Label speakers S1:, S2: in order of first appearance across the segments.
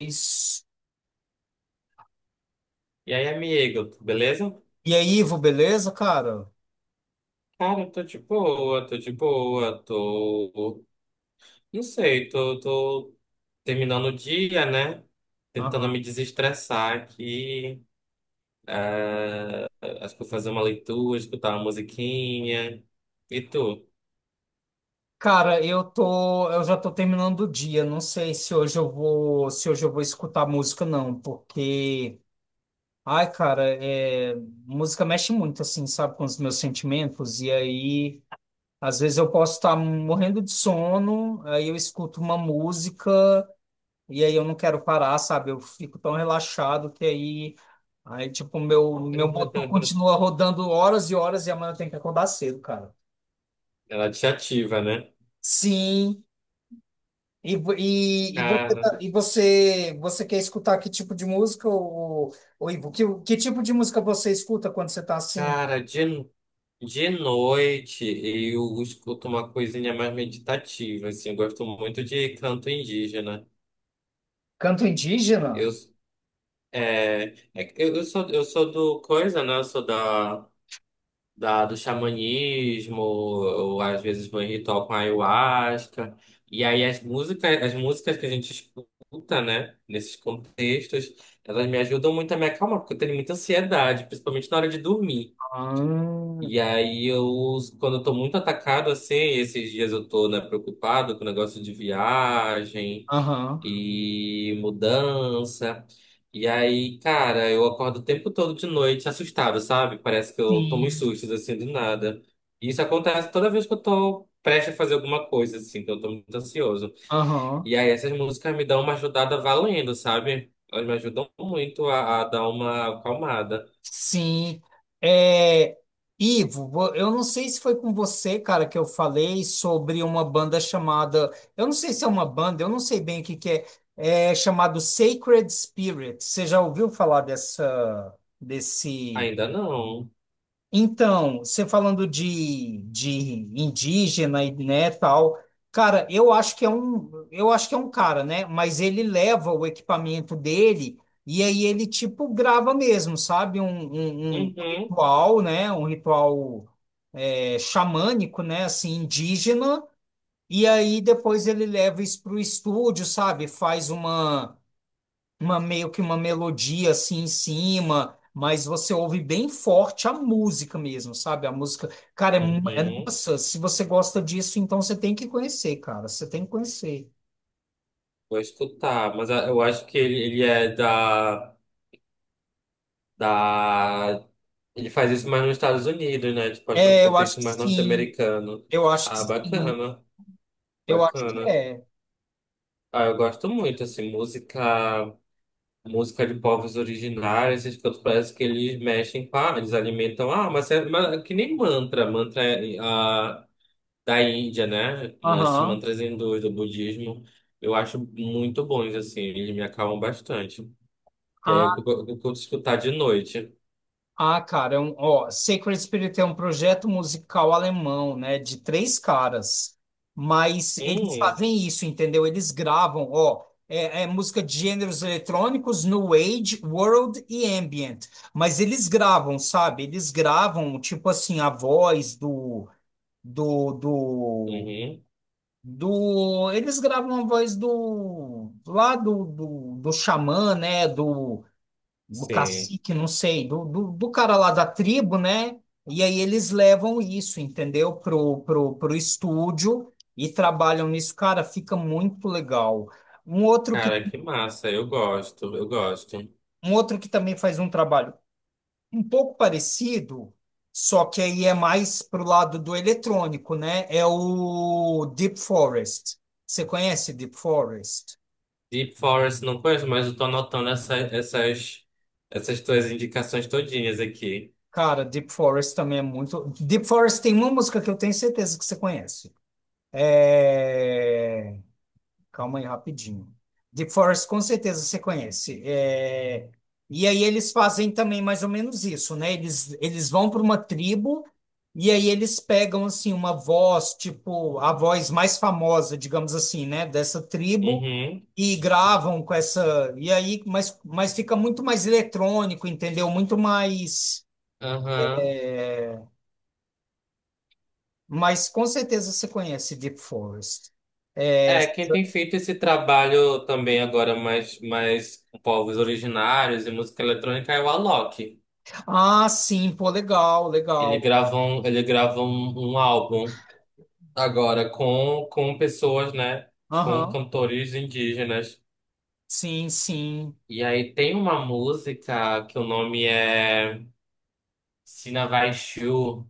S1: Isso.
S2: E aí, amigo, beleza?
S1: E aí, Ivo, beleza, cara?
S2: Cara, eu tô de boa, tô de boa, tô. Não sei, tô terminando o dia, né? Tentando
S1: Aham.
S2: me desestressar aqui. Ah, acho que vou fazer uma leitura, escutar uma musiquinha. E tu?
S1: Cara, eu já tô terminando o dia. Não sei se hoje eu vou escutar música não, porque, ai, cara, é, música mexe muito assim, sabe, com os meus sentimentos. E aí, às vezes eu posso estar morrendo de sono, aí eu escuto uma música e aí eu não quero parar, sabe? Eu fico tão relaxado que aí tipo, meu motor continua rodando horas e horas e amanhã eu tenho que acordar cedo, cara.
S2: Ela te ativa, né?
S1: Sim. E, vo- e, você,
S2: Cara,
S1: tá- e você, você quer escutar que tipo de música, ou Ivo? Que tipo de música você escuta quando você está assim?
S2: cara, de noite eu escuto uma coisinha mais meditativa, assim. Eu gosto muito de canto indígena.
S1: Canto indígena?
S2: Eu eu sou do coisa, né? Eu sou do xamanismo, ou às vezes vou em ritual com ayahuasca. E aí as músicas que a gente escuta, né? Nesses contextos, elas me ajudam muito a me acalmar, porque eu tenho muita ansiedade, principalmente na hora de dormir.
S1: Ah.
S2: E aí quando eu tô muito atacado assim, esses dias eu tô, né, preocupado com o negócio de viagem
S1: Aham.
S2: e mudança. E aí, cara, eu acordo o tempo todo de noite assustado, sabe? Parece que eu tomo uns
S1: Sim.
S2: sustos assim do nada. E isso acontece toda vez que eu tô prestes a fazer alguma coisa, assim, que eu tô muito ansioso.
S1: Aham.
S2: E aí essas músicas me dão uma ajudada valendo, sabe? Elas me ajudam muito a dar uma acalmada.
S1: Sim. É, Ivo, eu não sei se foi com você, cara, que eu falei sobre uma banda chamada. Eu não sei se é uma banda, eu não sei bem o que que é. É chamado Sacred Spirit. Você já ouviu falar dessa, desse.
S2: Ainda não.
S1: Então, você falando de indígena e né, tal, cara, eu acho que é um cara, né? Mas ele leva o equipamento dele e aí ele tipo grava mesmo, sabe? Um
S2: Uhum,
S1: ritual, né? Um ritual é, xamânico, né? Assim, indígena. E aí depois ele leva isso para o estúdio, sabe? Faz uma meio que uma melodia assim em cima, mas você ouve bem forte a música mesmo, sabe? A música, cara, é
S2: uhum.
S1: nossa, se você gosta disso, então você tem que conhecer, cara, você tem que conhecer.
S2: Vou escutar, mas eu acho que ele é da. da... Ele faz isso mais nos Estados Unidos, né? Tipo, acho que no
S1: É, eu acho
S2: contexto
S1: que
S2: mais
S1: sim.
S2: norte-americano.
S1: Eu acho que
S2: Ah,
S1: sim.
S2: bacana,
S1: Eu acho que
S2: bacana.
S1: é.
S2: Ah, eu gosto muito, assim, música, de povos originários, esses cantos parece que eles mexem com eles alimentam, ah, mas é que nem mantra, mantra é, da Índia, né? Esses
S1: Aham.
S2: mantras hindus, do budismo, eu acho muito bons, assim, eles me acalmam bastante. E aí eu curto escutar de noite.
S1: Ah, cara, é um, ó, Sacred Spirit é um projeto musical alemão, né, de três caras, mas eles
S2: Hum,
S1: fazem isso, entendeu? Eles gravam, ó, é música de gêneros eletrônicos, New Age, World e Ambient, mas eles gravam, sabe? Eles gravam, tipo assim, a voz do, do,
S2: uhum,
S1: eles gravam a voz do, lá do xamã, né, do do
S2: sim.
S1: cacique, não sei, do cara lá da tribo, né? E aí eles levam isso, entendeu? Pro estúdio e trabalham nisso. Cara, fica muito legal. Um outro que,
S2: Cara, que massa, eu gosto, eu gosto.
S1: um outro que também faz um trabalho um pouco parecido, só que aí é mais pro lado do eletrônico, né? É o Deep Forest. Você conhece Deep Forest?
S2: Deep Forest não conheço, mas eu tô anotando essas tuas indicações todinhas aqui.
S1: Cara, Deep Forest também é muito. Deep Forest tem uma música que eu tenho certeza que você conhece. É... Calma aí, rapidinho. The Forest, com certeza você conhece. É, e aí eles fazem também mais ou menos isso, né? Eles vão para uma tribo e aí eles pegam, assim, uma voz, tipo, a voz mais famosa, digamos assim, né? Dessa tribo
S2: Uhum,
S1: e gravam com essa... E aí, mas fica muito mais eletrônico, entendeu? Muito mais...
S2: aham.
S1: Mas com certeza você conhece Deep Forest. É.
S2: É, quem tem feito esse trabalho também agora mais com povos originários e música eletrônica é o Alok.
S1: Ah, sim, pô, legal,
S2: Ele
S1: legal.
S2: grava um, ele grava um, um álbum agora com pessoas, né? Com
S1: Aham.
S2: cantores indígenas.
S1: Sim, sim.
S2: E aí tem uma música que o nome é Sinavaixiu,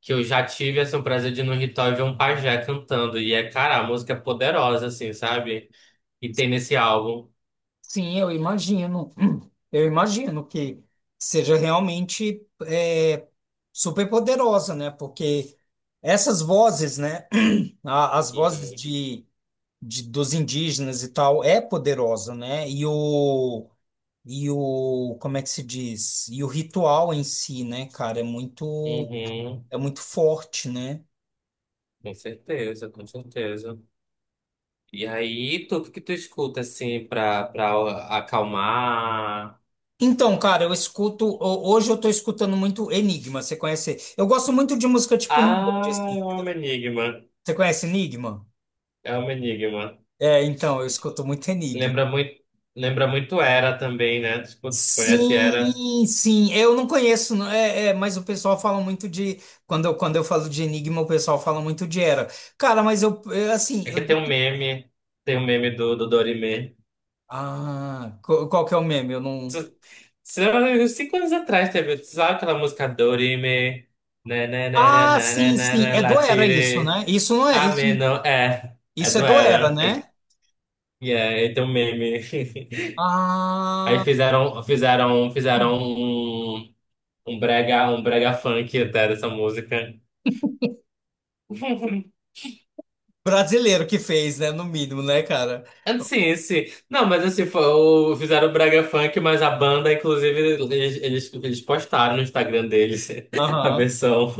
S2: que eu já tive assim, o prazer de ir no ritual e ver um pajé cantando. E é, cara, a música é poderosa, assim, sabe? E tem nesse álbum.
S1: Sim, eu imagino. Hum. Eu imagino que seja realmente é, super poderosa, né? Porque essas vozes, né? As vozes
S2: Uhum.
S1: de, dos indígenas e tal é poderosa, né? E o, como é que se diz? E o ritual em si, né, cara,
S2: Uhum.
S1: é muito forte, né?
S2: Com certeza, com certeza. E aí, tu o que tu escuta, assim, pra acalmar?
S1: Então, cara, eu escuto, hoje eu tô escutando muito Enigma, você conhece? Eu gosto muito de música tipo Nickelback,
S2: Ah, é
S1: assim.
S2: um enigma.
S1: Você conhece Enigma?
S2: É um enigma.
S1: É, então, eu escuto muito Enigma.
S2: Lembra muito, lembra muito Era também, né? Tipo, conhece Era?
S1: Sim, sim, eu não conheço, é, é, mas o pessoal fala muito de, quando eu falo de Enigma, o pessoal fala muito de Era. Cara, mas eu, é, assim,
S2: É
S1: eu,
S2: que tem um meme do Dorimê.
S1: ah, qual que é o meme? Eu não...
S2: Tu- Sei lá, uns 5 anos atrás teve, tu sabe aquela música Dorime, na na na na
S1: Ah,
S2: na na
S1: sim,
S2: na
S1: sim,
S2: na,
S1: é
S2: la
S1: do Era isso,
S2: tire,
S1: né? Isso não é, isso,
S2: ame não é, é
S1: isso é
S2: do
S1: do Era,
S2: Era, e
S1: né?
S2: e é, e tem um meme. Aí
S1: Ah,
S2: fizeram um brega funk até dessa música.
S1: brasileiro que fez, né, no mínimo, né, cara?
S2: Assim, sim. Não, mas assim, foi, fizeram o brega funk, mas a banda, inclusive, eles postaram no Instagram deles a
S1: Aham.
S2: versão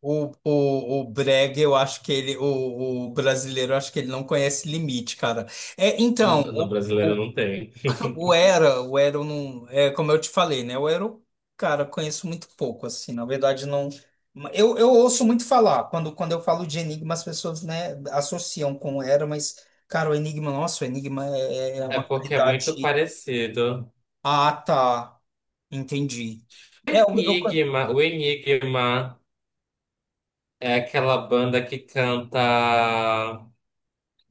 S1: O Brega, eu acho que ele, o brasileiro, eu acho que ele não conhece limite, cara. É, então,
S2: no brasileiro não tem.
S1: o Era, eu não, é, como eu te falei, né? O Era, eu, cara, conheço muito pouco, assim, na verdade, não. Eu ouço muito falar, quando eu falo de Enigma, as pessoas, né, associam com o Era, mas, cara, o Enigma, nossa, o Enigma é
S2: É
S1: uma
S2: porque é muito
S1: qualidade.
S2: parecido.
S1: Ah, tá, entendi. É, eu...
S2: Enigma, o Enigma é aquela banda que canta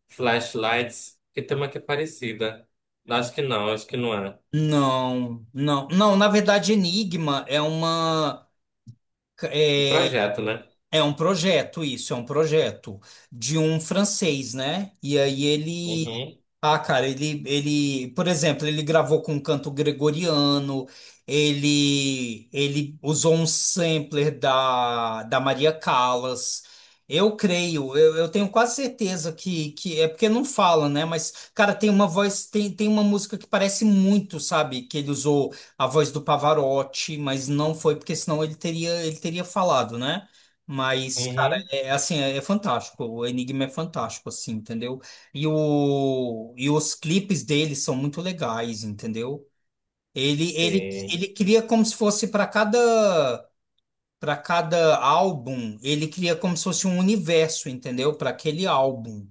S2: Flashlights, que tem uma que é parecida. Acho que não é.
S1: Não, não, não, na verdade, Enigma é uma.
S2: Um projeto, né?
S1: É um projeto, isso, é um projeto de um francês, né? E aí ele.
S2: Uhum,
S1: Ah, cara, ele, por exemplo, ele gravou com um canto gregoriano, ele usou um sampler da Maria Callas. Eu creio, eu tenho quase certeza que é porque não fala, né? Mas, cara, tem uma voz, tem uma música que parece muito, sabe? Que ele usou a voz do Pavarotti, mas não foi, porque senão ele teria falado, né? Mas, cara,
S2: uhum,
S1: é é assim, é, é fantástico. O Enigma é fantástico, assim, entendeu? E, o, e os clipes dele são muito legais, entendeu?
S2: sim.
S1: Ele cria como se fosse para cada álbum, ele cria como se fosse um universo, entendeu? Para aquele álbum.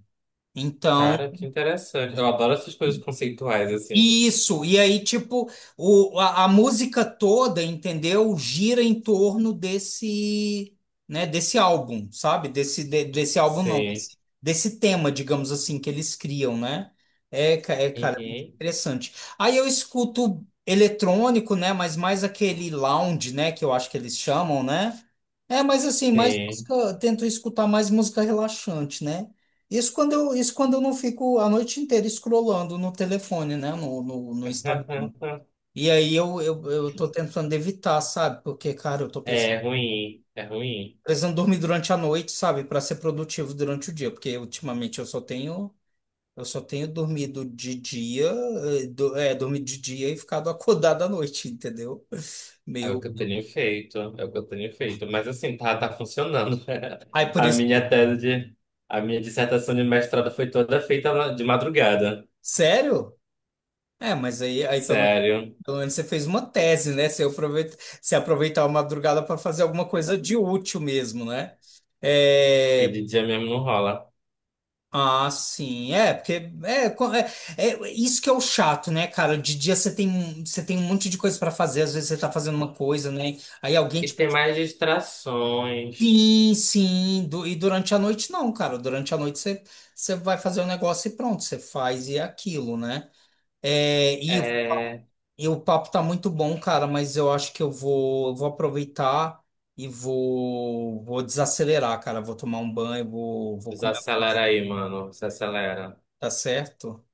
S1: Então,
S2: Cara, que interessante. Eu adoro essas coisas conceituais, assim.
S1: isso, e aí, tipo, o, a música toda, entendeu? Gira em torno desse, né, desse álbum, sabe? Desse álbum, não,
S2: Sim,
S1: desse tema, digamos assim, que eles criam, né? É, é, cara, é muito
S2: uhum,
S1: interessante. Aí eu escuto eletrônico, né? Mas mais aquele lounge, né? Que eu acho que eles chamam, né? É, mas assim, mais
S2: sim.
S1: música, tento escutar mais música relaxante, né? Isso quando eu não fico a noite inteira scrollando no telefone, né? No Instagram. E aí eu tô tentando evitar, sabe? Porque, cara,
S2: É ruim, é ruim.
S1: precisando, dormir durante a noite, sabe? Pra ser produtivo durante o dia. Porque ultimamente eu só tenho dormido de dia, dormido de dia e ficado acordado à noite, entendeu?
S2: É o
S1: Meio.
S2: que eu tenho feito, é o que eu tenho feito. Mas assim, tá, tá funcionando.
S1: Aí por
S2: A
S1: isso
S2: minha
S1: que.
S2: tese de, a minha dissertação de mestrado foi toda feita de madrugada.
S1: Sério? É, mas aí, aí pelo
S2: Sério.
S1: pelo menos você fez uma tese, né? Você aproveita, você aproveitar a madrugada para fazer alguma coisa de útil mesmo, né?
S2: E
S1: É,
S2: de dia mesmo não rola.
S1: ah, sim, é, porque é, é, isso que é o chato, né, cara? De dia você tem um monte de coisa para fazer, às vezes você tá fazendo uma coisa, né? Aí alguém
S2: E
S1: te
S2: tem
S1: pede,
S2: mais distrações.
S1: sim, sim, e durante a noite não, cara. Durante a noite você, você vai fazer o negócio e pronto, você faz e é aquilo, né? É, e
S2: É,
S1: E o papo tá muito bom, cara, mas eu acho que eu vou aproveitar e vou desacelerar, cara. Vou tomar um banho, vou comer alguma coisa,
S2: desacelera aí, mano. Se acelera.
S1: tá certo?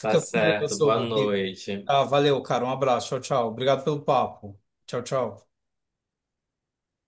S2: Tá
S1: com
S2: certo.
S1: Deus,
S2: Boa
S1: ô Igor.
S2: noite.
S1: Tá, valeu, cara. Um abraço. Tchau, tchau. Obrigado pelo papo. Tchau, tchau.